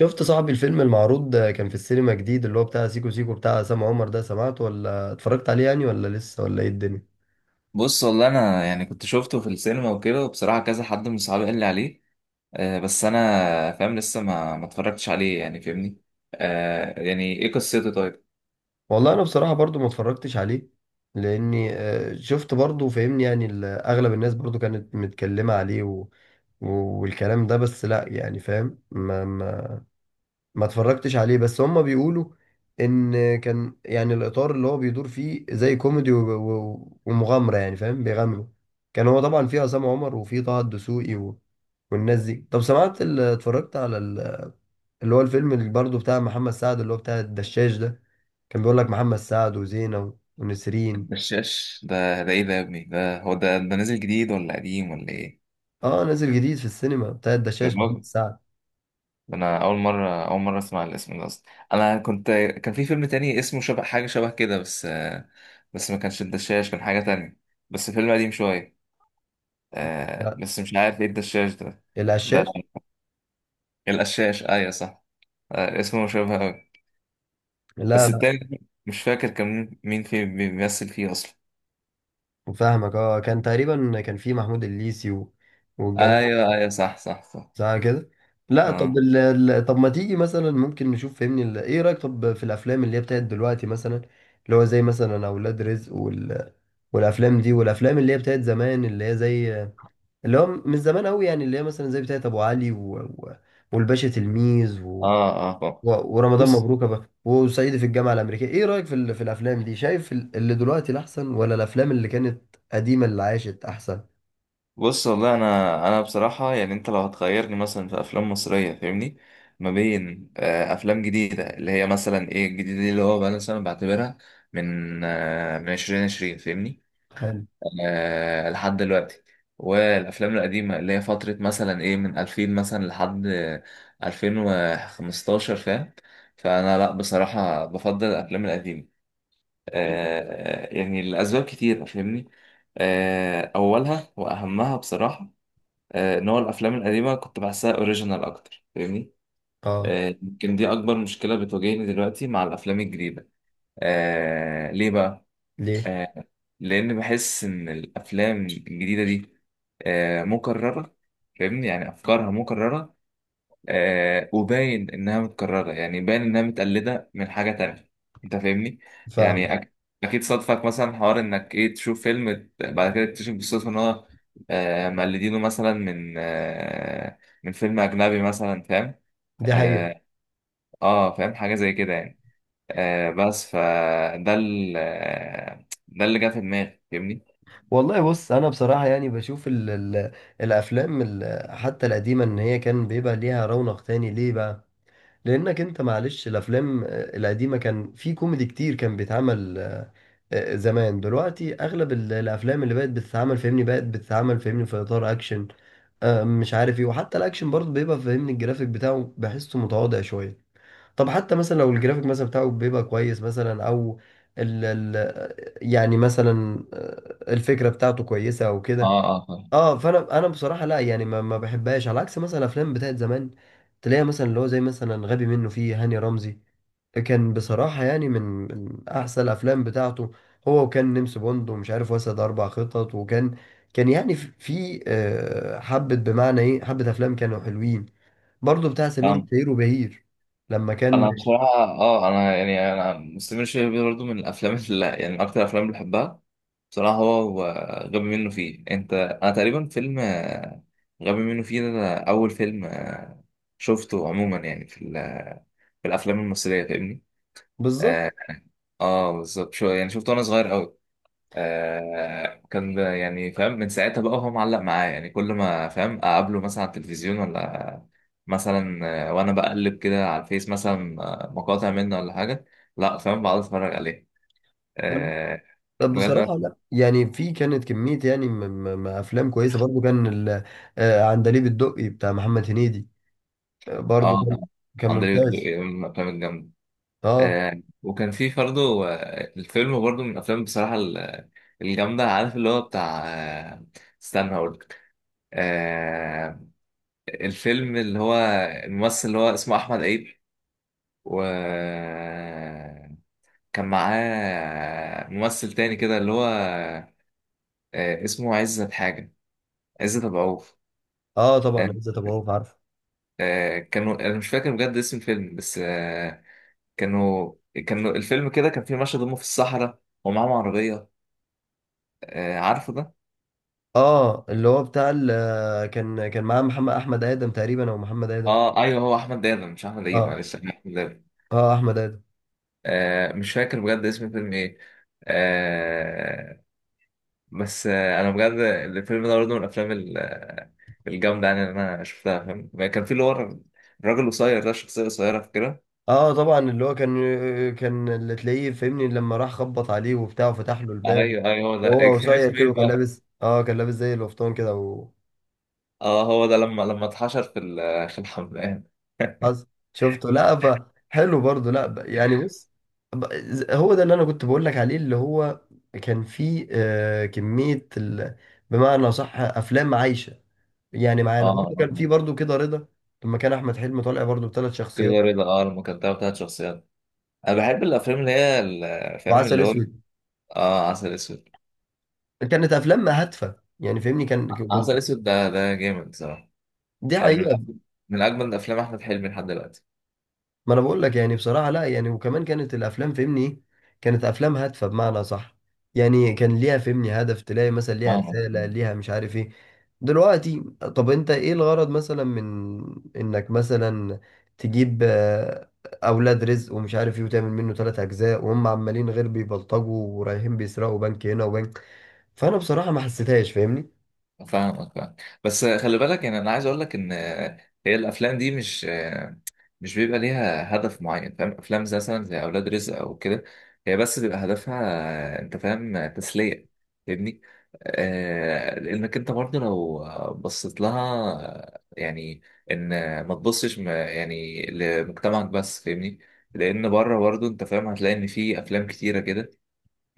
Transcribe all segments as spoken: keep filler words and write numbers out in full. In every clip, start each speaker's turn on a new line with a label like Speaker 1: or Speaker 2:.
Speaker 1: شفت صاحبي الفيلم المعروض كان في السينما جديد، اللي هو بتاع سيكو سيكو بتاع عصام عمر ده، سمعته ولا اتفرجت عليه يعني، ولا لسه ولا ايه الدنيا؟
Speaker 2: بص والله انا يعني كنت شفته في السينما وكده وبصراحه كذا حد من صحابي قال لي عليه. آه، بس انا فاهم، لسه ما ما اتفرجتش عليه يعني فاهمني. آه، يعني ايه قصته طيب؟
Speaker 1: والله انا بصراحة برضو ما اتفرجتش عليه لاني آه، شفت، برضو فاهمني يعني ال- اغلب الناس برضو كانت متكلمة عليه و... و- والكلام ده، بس لا يعني فاهم، ما ما اتفرجتش عليه، بس هم بيقولوا ان كان يعني الاطار اللي هو بيدور فيه زي كوميدي و- و- ومغامره، يعني فاهم بيغامروا. كان هو طبعا فيه عصام عمر وفيه طه الدسوقي و... والناس دي. طب سمعت، ال- اتفرجت على ال- اللي هو الفيلم اللي برضه بتاع محمد سعد، اللي هو بتاع الدشاش ده؟ كان بيقول لك محمد سعد وزينة ونسرين.
Speaker 2: الدشاش ده، ده ايه ده يا ابني؟ ده هو ده، ده نازل جديد ولا قديم ولا ايه؟
Speaker 1: اه، نازل جديد في السينما بتاع الدشاش، محمد
Speaker 2: جربه.
Speaker 1: سعد.
Speaker 2: ده انا اول مره اول مره اسمع الاسم ده اصلا. انا كنت، كان في فيلم تاني اسمه شبه حاجه شبه كده بس آه بس ما كانش الدشاش، كان حاجه تانية، بس فيلم قديم شويه. آه
Speaker 1: لا،
Speaker 2: بس مش عارف ايه الدشاش ده. ده
Speaker 1: العشاش.
Speaker 2: القشاش، ايوه صح. آه، اسمه مشابه أوي.
Speaker 1: لا
Speaker 2: بس
Speaker 1: لا،
Speaker 2: التاني مش فاكر كان مين فيه، بيمثل فيه أصلا.
Speaker 1: فاهمك اه. كان تقريبا كان فيه محمود الليثي و... والجماعة.
Speaker 2: أيوه أيوه، صح صح صح.
Speaker 1: صح كده. لا طب
Speaker 2: آه
Speaker 1: ال... ال- طب ما تيجي مثلا، ممكن نشوف فهمني، ال... ايه رأيك طب في الافلام اللي هي بتاعت دلوقتي مثلا، اللي هو زي مثلا اولاد رزق وال... والافلام دي، والافلام اللي هي بتاعت زمان، اللي هي زي اللي هو من زمان قوي يعني، اللي هي مثلا زي بتاعت ابو علي و... و... والباشا تلميذ و...
Speaker 2: آه آه آه.
Speaker 1: و... ورمضان
Speaker 2: بص
Speaker 1: مبروك بقى، وصعيدي في الجامعة الأمريكية. ايه رأيك في ال... في الافلام دي؟ شايف ال- اللي دلوقتي الاحسن، ولا الافلام اللي كانت قديمة اللي عاشت احسن؟
Speaker 2: بص والله، أنا أنا بصراحة يعني، أنت لو هتخيرني مثلا في أفلام مصرية فاهمني، ما بين آه، أفلام جديدة اللي هي مثلا إيه الجديدة دي، اللي هو بقى مثلا بعتبرها من آه، من عشرين عشرين فاهمني،
Speaker 1: حلو،
Speaker 2: آه، لحد دلوقتي، والافلام القديمه اللي هي فتره مثلا ايه من ألفين مثلا لحد ألفين وخمستاشر فاهم. فانا لا بصراحه بفضل الافلام القديمه، آه، يعني لاسباب كتير فاهمني. آه، اولها واهمها بصراحه، آه، ان هو الافلام القديمه كنت بحسها اوريجينال اكتر فاهمني.
Speaker 1: اه.
Speaker 2: آه، يمكن دي اكبر مشكله بتواجهني دلوقتي مع الافلام الجديده. آه، ليه بقى؟
Speaker 1: ليه؟
Speaker 2: آه، لان بحس ان الافلام الجديده دي، آه، مكرره فاهمني، يعني افكارها مكرره. آه، وباين انها متكرره، يعني باين انها متقلده من حاجه تانية، انت فاهمني. يعني
Speaker 1: فاهم.
Speaker 2: أك- اكيد صادفك مثلا حوار انك ايه، تشوف فيلم ت- بعد كده تكتشف بالصدفه ان هو، آه، مقلدينه مثلا من آه، من فيلم اجنبي مثلا فاهم.
Speaker 1: دي حقيقة.
Speaker 2: اه، آه، فاهم حاجه زي كده يعني. آه بس فده ال- آه، ده اللي جه في دماغي فاهمني.
Speaker 1: والله بص، انا بصراحه يعني بشوف ال ال الافلام ال حتى القديمه، ان هي كان بيبقى ليها رونق تاني. ليه بقى؟ لانك انت معلش الافلام آه، القديمه كان في كوميدي كتير، كان بيتعمل آه، آه، زمان. دلوقتي اغلب ال- الافلام اللي بقت بتتعمل فاهمني، بقت بتتعمل فاهمني في اطار اكشن، آه، مش عارف ايه، وحتى الاكشن برضه بيبقى فاهمني الجرافيك بتاعه بحسه متواضع شويه. طب حتى مثلا لو الجرافيك مثلا بتاعه بيبقى كويس مثلا، او ال ال يعني مثلا آه، الفكره بتاعته كويسه او
Speaker 2: اه
Speaker 1: كده.
Speaker 2: اه، فاهم
Speaker 1: اه، فانا انا بصراحه لا يعني، ما, ما بحبهاش، على عكس مثلا الافلام بتاعت زمان، تلاقيها مثلا اللي هو زي مثلا غبي منه فيه، هاني رمزي. كان بصراحه يعني من من احسن الافلام بتاعته. هو، وكان نمس بوند ومش عارف، واسد اربع خطط، وكان كان يعني في في، آه، حبه، بمعنى ايه؟ حبه افلام كانوا حلوين، برضو بتاع سمير
Speaker 2: فاهم.
Speaker 1: وشهير وبهير لما كان.
Speaker 2: انا بصراحه اه، انا يعني انا مستمر شويه بيه برضه من الافلام اللي يعني من اكتر الافلام اللي بحبها بصراحه، هو هو غبي منه فيه. انت انا تقريبا فيلم آه، غبي منه فيه ده، ده اول فيلم آه، شفته عموما يعني في ال- في الافلام المصريه فاهمني.
Speaker 1: بالظبط.
Speaker 2: اه، آه، بالظبط، شو يعني شفته وانا صغير قوي. آه، كان ب- يعني فاهم، من ساعتها بقى هو معلق معايا يعني. كل ما فاهم اقابله مثلا على التلفزيون ولا مثلا، آه، وانا بقلب كده على الفيس مثلا آه، مقاطع منه ولا حاجه، لا فاهم بقعد اتفرج عليه. آه
Speaker 1: طب
Speaker 2: بجد.
Speaker 1: بصراحة، لا يعني في كانت كمية يعني م- م- م- أفلام كويسة برضو. كان ال- آه، عندليب الدقي بتاع محمد هنيدي، آه، برضو
Speaker 2: اه،
Speaker 1: كان كان
Speaker 2: اندريو
Speaker 1: ممتاز.
Speaker 2: الدقي من الافلام الجامده.
Speaker 1: اه
Speaker 2: آه، وكان في برضه، آه، الفيلم برضه من الافلام بصراحه ال- الجامده، عارف اللي هو بتاع آه، استنى هقول لك. آه، الفيلم اللي هو الممثل اللي هو اسمه احمد عيد، وكان معاه ممثل تاني كده اللي هو، آه، اسمه عزت حاجة، عزت أبو عوف.
Speaker 1: اه، طبعا
Speaker 2: آه،
Speaker 1: عزت أبو عوف عارفه.
Speaker 2: آه، كانوا، أنا مش فاكر بجد اسم الفيلم بس آه، كانوا كانوا الفيلم كده كان فيه مشهد هما في الصحراء ومعاهم عربية، آه، عارفه ده؟
Speaker 1: اه، اللي هو بتاع ال- آه، كان كان معاه محمد أحمد آدم تقريبا، أو محمد آدم.
Speaker 2: اه ايوه، هو احمد دادا مش احمد عيد،
Speaker 1: اه
Speaker 2: معلش، أنا احمد دادا.
Speaker 1: اه، أحمد آدم.
Speaker 2: آه، مش فاكر بجد اسم الفيلم ايه، آه، بس آه، انا بجد الفيلم ده برضه من الافلام الجامدة يعني اللي أنا شفتها فاهم. يعني كان في اللي هو الراجل القصير ده، الشخصية القصيرة، فاكرها؟
Speaker 1: اه طبعا، اللي هو كان كان اللي تلاقيه فاهمني لما راح خبط عليه وبتاع، وفتح له الباب،
Speaker 2: أيوه أيوه، هو ده
Speaker 1: وهو
Speaker 2: كان
Speaker 1: قصير
Speaker 2: اسمه
Speaker 1: كده،
Speaker 2: إيه
Speaker 1: وكان
Speaker 2: بقى؟
Speaker 1: لابس اه كان لابس زي القفطان كده.
Speaker 2: أه، هو ده لما لما اتحشر في ال- في الحمام.
Speaker 1: حصل، شفته، لا. ف حلو برضه، لا. ب- يعني بص، ب- ز- هو ده اللي انا كنت بقول لك عليه، اللي هو كان فيه آه، كمية ال... بمعنى صح، افلام عايشة يعني معانا.
Speaker 2: اه
Speaker 1: برضه كان فيه برضه كده رضا، لما كان احمد حلمي طالع برضه بثلاث شخصيات،
Speaker 2: كده رضا، اه، لما كان بتاع بتاعت شخصيات. انا بحب الافلام اللي هي ال- فاهم
Speaker 1: وعسل
Speaker 2: اللي هو.
Speaker 1: اسود.
Speaker 2: اه، عسل اسود.
Speaker 1: كانت افلام هادفة يعني فاهمني كان
Speaker 2: ع- عسل
Speaker 1: كنت.
Speaker 2: اسود ده، ده جامد صراحه.
Speaker 1: دي
Speaker 2: يعني من
Speaker 1: حقيقة.
Speaker 2: أجمل، من اجمل افلام احمد حلمي لحد دلوقتي.
Speaker 1: ما انا بقول لك يعني بصراحه لا يعني، وكمان كانت الافلام فهمني ايه، كانت افلام هادفه بمعنى صح، يعني كان ليها فهمني هدف، تلاقي مثلا ليها
Speaker 2: فاهمك
Speaker 1: رساله، ليها مش عارف ايه. دلوقتي طب انت ايه الغرض مثلا من انك مثلا تجيب آه، اولاد رزق ومش عارف ايه، وتعمل منه ثلاث اجزاء، وهم عمالين غير بيبلطجوا ورايحين بيسرقوا بنك هنا وبنك؟ فانا بصراحه ما حسيتهاش فاهمني.
Speaker 2: فاهمك فاهمك بس خلي بالك. يعني انا عايز اقول لك ان هي الافلام دي مش، مش بيبقى ليها هدف معين فاهم. افلام زي مثلا زي اولاد رزق او كده، هي بس بيبقى هدفها انت فاهم، تسليه فاهمني. آه، لانك انت برضه لو بصيت لها يعني ان، ما تبصش م- يعني لمجتمعك بس فاهمني. لان بره برضه انت فاهم هتلاقي ان في افلام كتيره كده،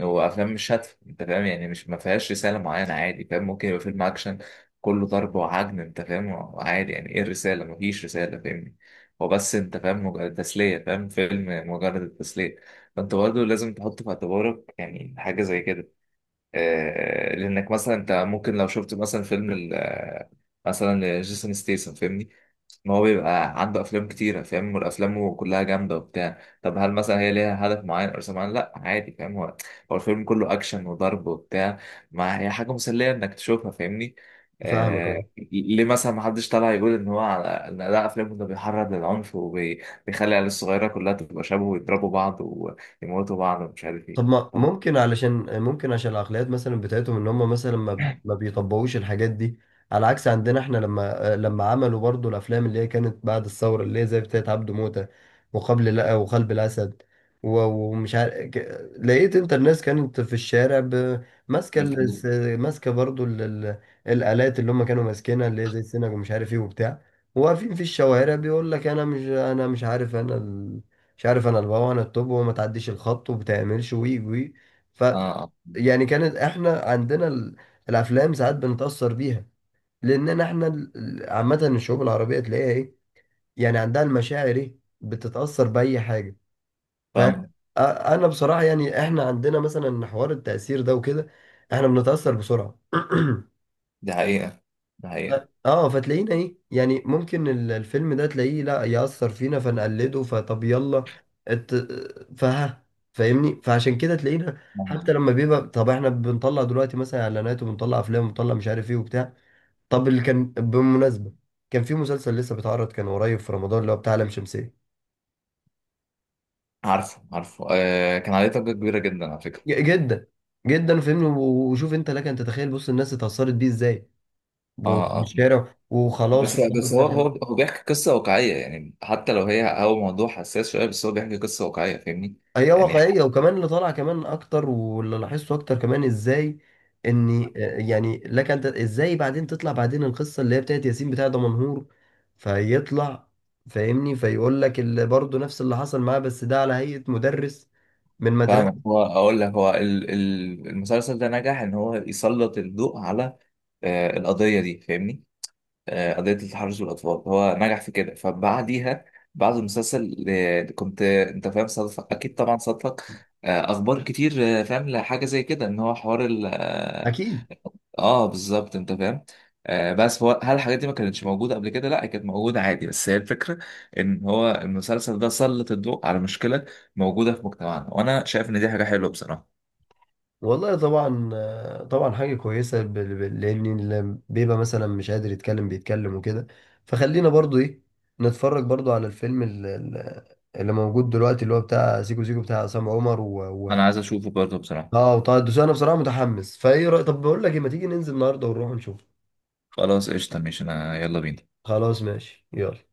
Speaker 2: هو افلام مش هادفه انت فاهم. يعني مش ما فيهاش رساله معينه عادي فاهم، ممكن يبقى فيلم اكشن كله ضرب وعجن انت فاهم. عادي، يعني ايه الرساله؟ ما فيش رساله فاهمني. هو بس انت فاهم مجرد تسليه، فاهم؟ فيلم مجرد التسليه، فانت برضه لازم تحط في اعتبارك يعني حاجه زي كده. آه، لانك مثلا انت ممكن لو شفت مثلا فيلم ال- آه، مثلا جيسون ستيسن فاهمني، ان هو بيبقى عنده افلام كتيره فاهم، وافلامه كلها جامده وبتاع. طب هل مثلا هي ليها هدف معين او رسالة معينه؟ لا عادي فاهم، هو هو الفيلم كله اكشن وضرب وبتاع، ما هي حاجه مسليه انك تشوفها فاهمني.
Speaker 1: فاهمك،
Speaker 2: آه،
Speaker 1: اه.
Speaker 2: ليه مثلا ما حدش طالع يقول ان هو على ان ده افلامه ده بيحرض للعنف وبيخلي العيال الصغيره كلها تبقى شبه ويضربوا بعض ويموتوا بعض ومش عارف ايه؟
Speaker 1: طب ما
Speaker 2: طب.
Speaker 1: ممكن علشان، ممكن عشان العقليات مثلا بتاعتهم ان هم مثلا ما ما بيطبقوش الحاجات دي، على عكس عندنا احنا لما لما عملوا برضو الافلام اللي هي كانت بعد الثوره، اللي هي زي بتاعت عبده موته، وقبل لا، وقلب الاسد، و- ومش عارف ك- لقيت انت الناس كانت في الشارع ب- ماسكه ال- س- ماسكه برضو ال- ال- الالات اللي هم كانوا ماسكينها، اللي هي زي السنج ومش عارف ايه وبتاع، واقفين في الشوارع بيقول لك انا مش، انا مش عارف، انا مش عارف، انا البابا انا التوب، وما تعديش الخط وبتعملش وي وي. ف
Speaker 2: اه آه.
Speaker 1: يعني كانت احنا عندنا ال- الافلام ساعات بنتاثر بيها، لاننا احنا ال- ال- عامه الشعوب العربيه تلاقيها ايه، يعني عندها المشاعر ايه، بتتاثر باي حاجه. ف أ-
Speaker 2: فاهم.
Speaker 1: انا بصراحه يعني احنا عندنا مثلا حوار التاثير ده وكده، احنا بنتاثر بسرعه.
Speaker 2: دي حقيقة، دي حقيقة.
Speaker 1: اه، فتلاقينا ايه يعني ممكن ال- الفيلم ده تلاقيه لا يأثر فينا فنقلده، فطب يلا ات... فها فاهمني، فعشان كده تلاقينا. حتى
Speaker 2: آه.
Speaker 1: لما بيبقى، طب احنا بنطلع دلوقتي مثلا اعلانات، وبنطلع افلام، وبنطلع مش عارف ايه وبتاع. طب اللي كان بالمناسبة، كان في مسلسل لسه بيتعرض، كان قريب في رمضان، اللي هو بتاع لام شمسية.
Speaker 2: عارفه عارفه، آه، كان عليه ضجة كبيرة جدا على فكرة.
Speaker 1: ج- جدا جدا فاهمني، و- وشوف انت لك ان تتخيل، بص الناس اتأثرت بيه ازاي،
Speaker 2: اه اه،
Speaker 1: والشارع وخلاص
Speaker 2: بس
Speaker 1: ومش عارف
Speaker 2: بس هو
Speaker 1: ده.
Speaker 2: هو هو بيحكي قصة واقعية يعني. حتى لو هي هو موضوع حساس شوية، بس هو بيحكي قصة واقعية فاهمني.
Speaker 1: هي
Speaker 2: يعني
Speaker 1: واقعية، وكمان اللي طالع كمان أكتر، واللي لاحظته أكتر كمان، إزاي إن آه، يعني لك أنت إزاي بعدين تطلع بعدين القصة اللي هي بتاعت ياسين بتاع دمنهور، فيطلع فاهمني فيقول لك اللي برضه نفس اللي حصل معاه، بس ده على هيئة مدرس من
Speaker 2: فاهم،
Speaker 1: مدرسة.
Speaker 2: هو اقول لك، هو ال- ال- المسلسل ده نجح ان هو يسلط الضوء على آه القضية دي فاهمني. آه، قضية التحرش بالأطفال، هو نجح في كده. فبعديها، بعد المسلسل آه، كنت آه، أنت فاهم صادف، أكيد طبعا صادفك آه، أخبار كتير، آه، فاهم لحاجة زي كده، إن هو حوار ال آه.
Speaker 1: أكيد.
Speaker 2: آه، بالظبط، أنت فاهم. آه، بس هو هل الحاجات دي ما كانتش موجودة قبل كده؟ لا، هي كانت موجودة عادي، بس هي الفكرة إن هو المسلسل ده سلط الضوء على مشكلة موجودة في مجتمعنا، وأنا شايف إن دي حاجة حلوة بصراحة.
Speaker 1: والله طبعا، آه، طبعا حاجة كويسة بال- بال- لأن اللي بيبقى مثلا مش قادر يتكلم بيتكلم وكده، فخلينا برضو إيه نتفرج برضو على الفيلم ال- ال- اللي موجود دلوقتي، اللي هو بتاع سيكو سيكو بتاع عصام عمر و... و...
Speaker 2: أنا عايز أشوفه برضه بصراحة.
Speaker 1: اه وطه الدسوقي. أنا بصراحة متحمس، فإيه رأي؟ طب بقول لك إيه، ما تيجي ننزل النهاردة ونروح نشوف؟
Speaker 2: خلاص قشطة ماشي، أنا يلا بينا.
Speaker 1: خلاص ماشي، يلا.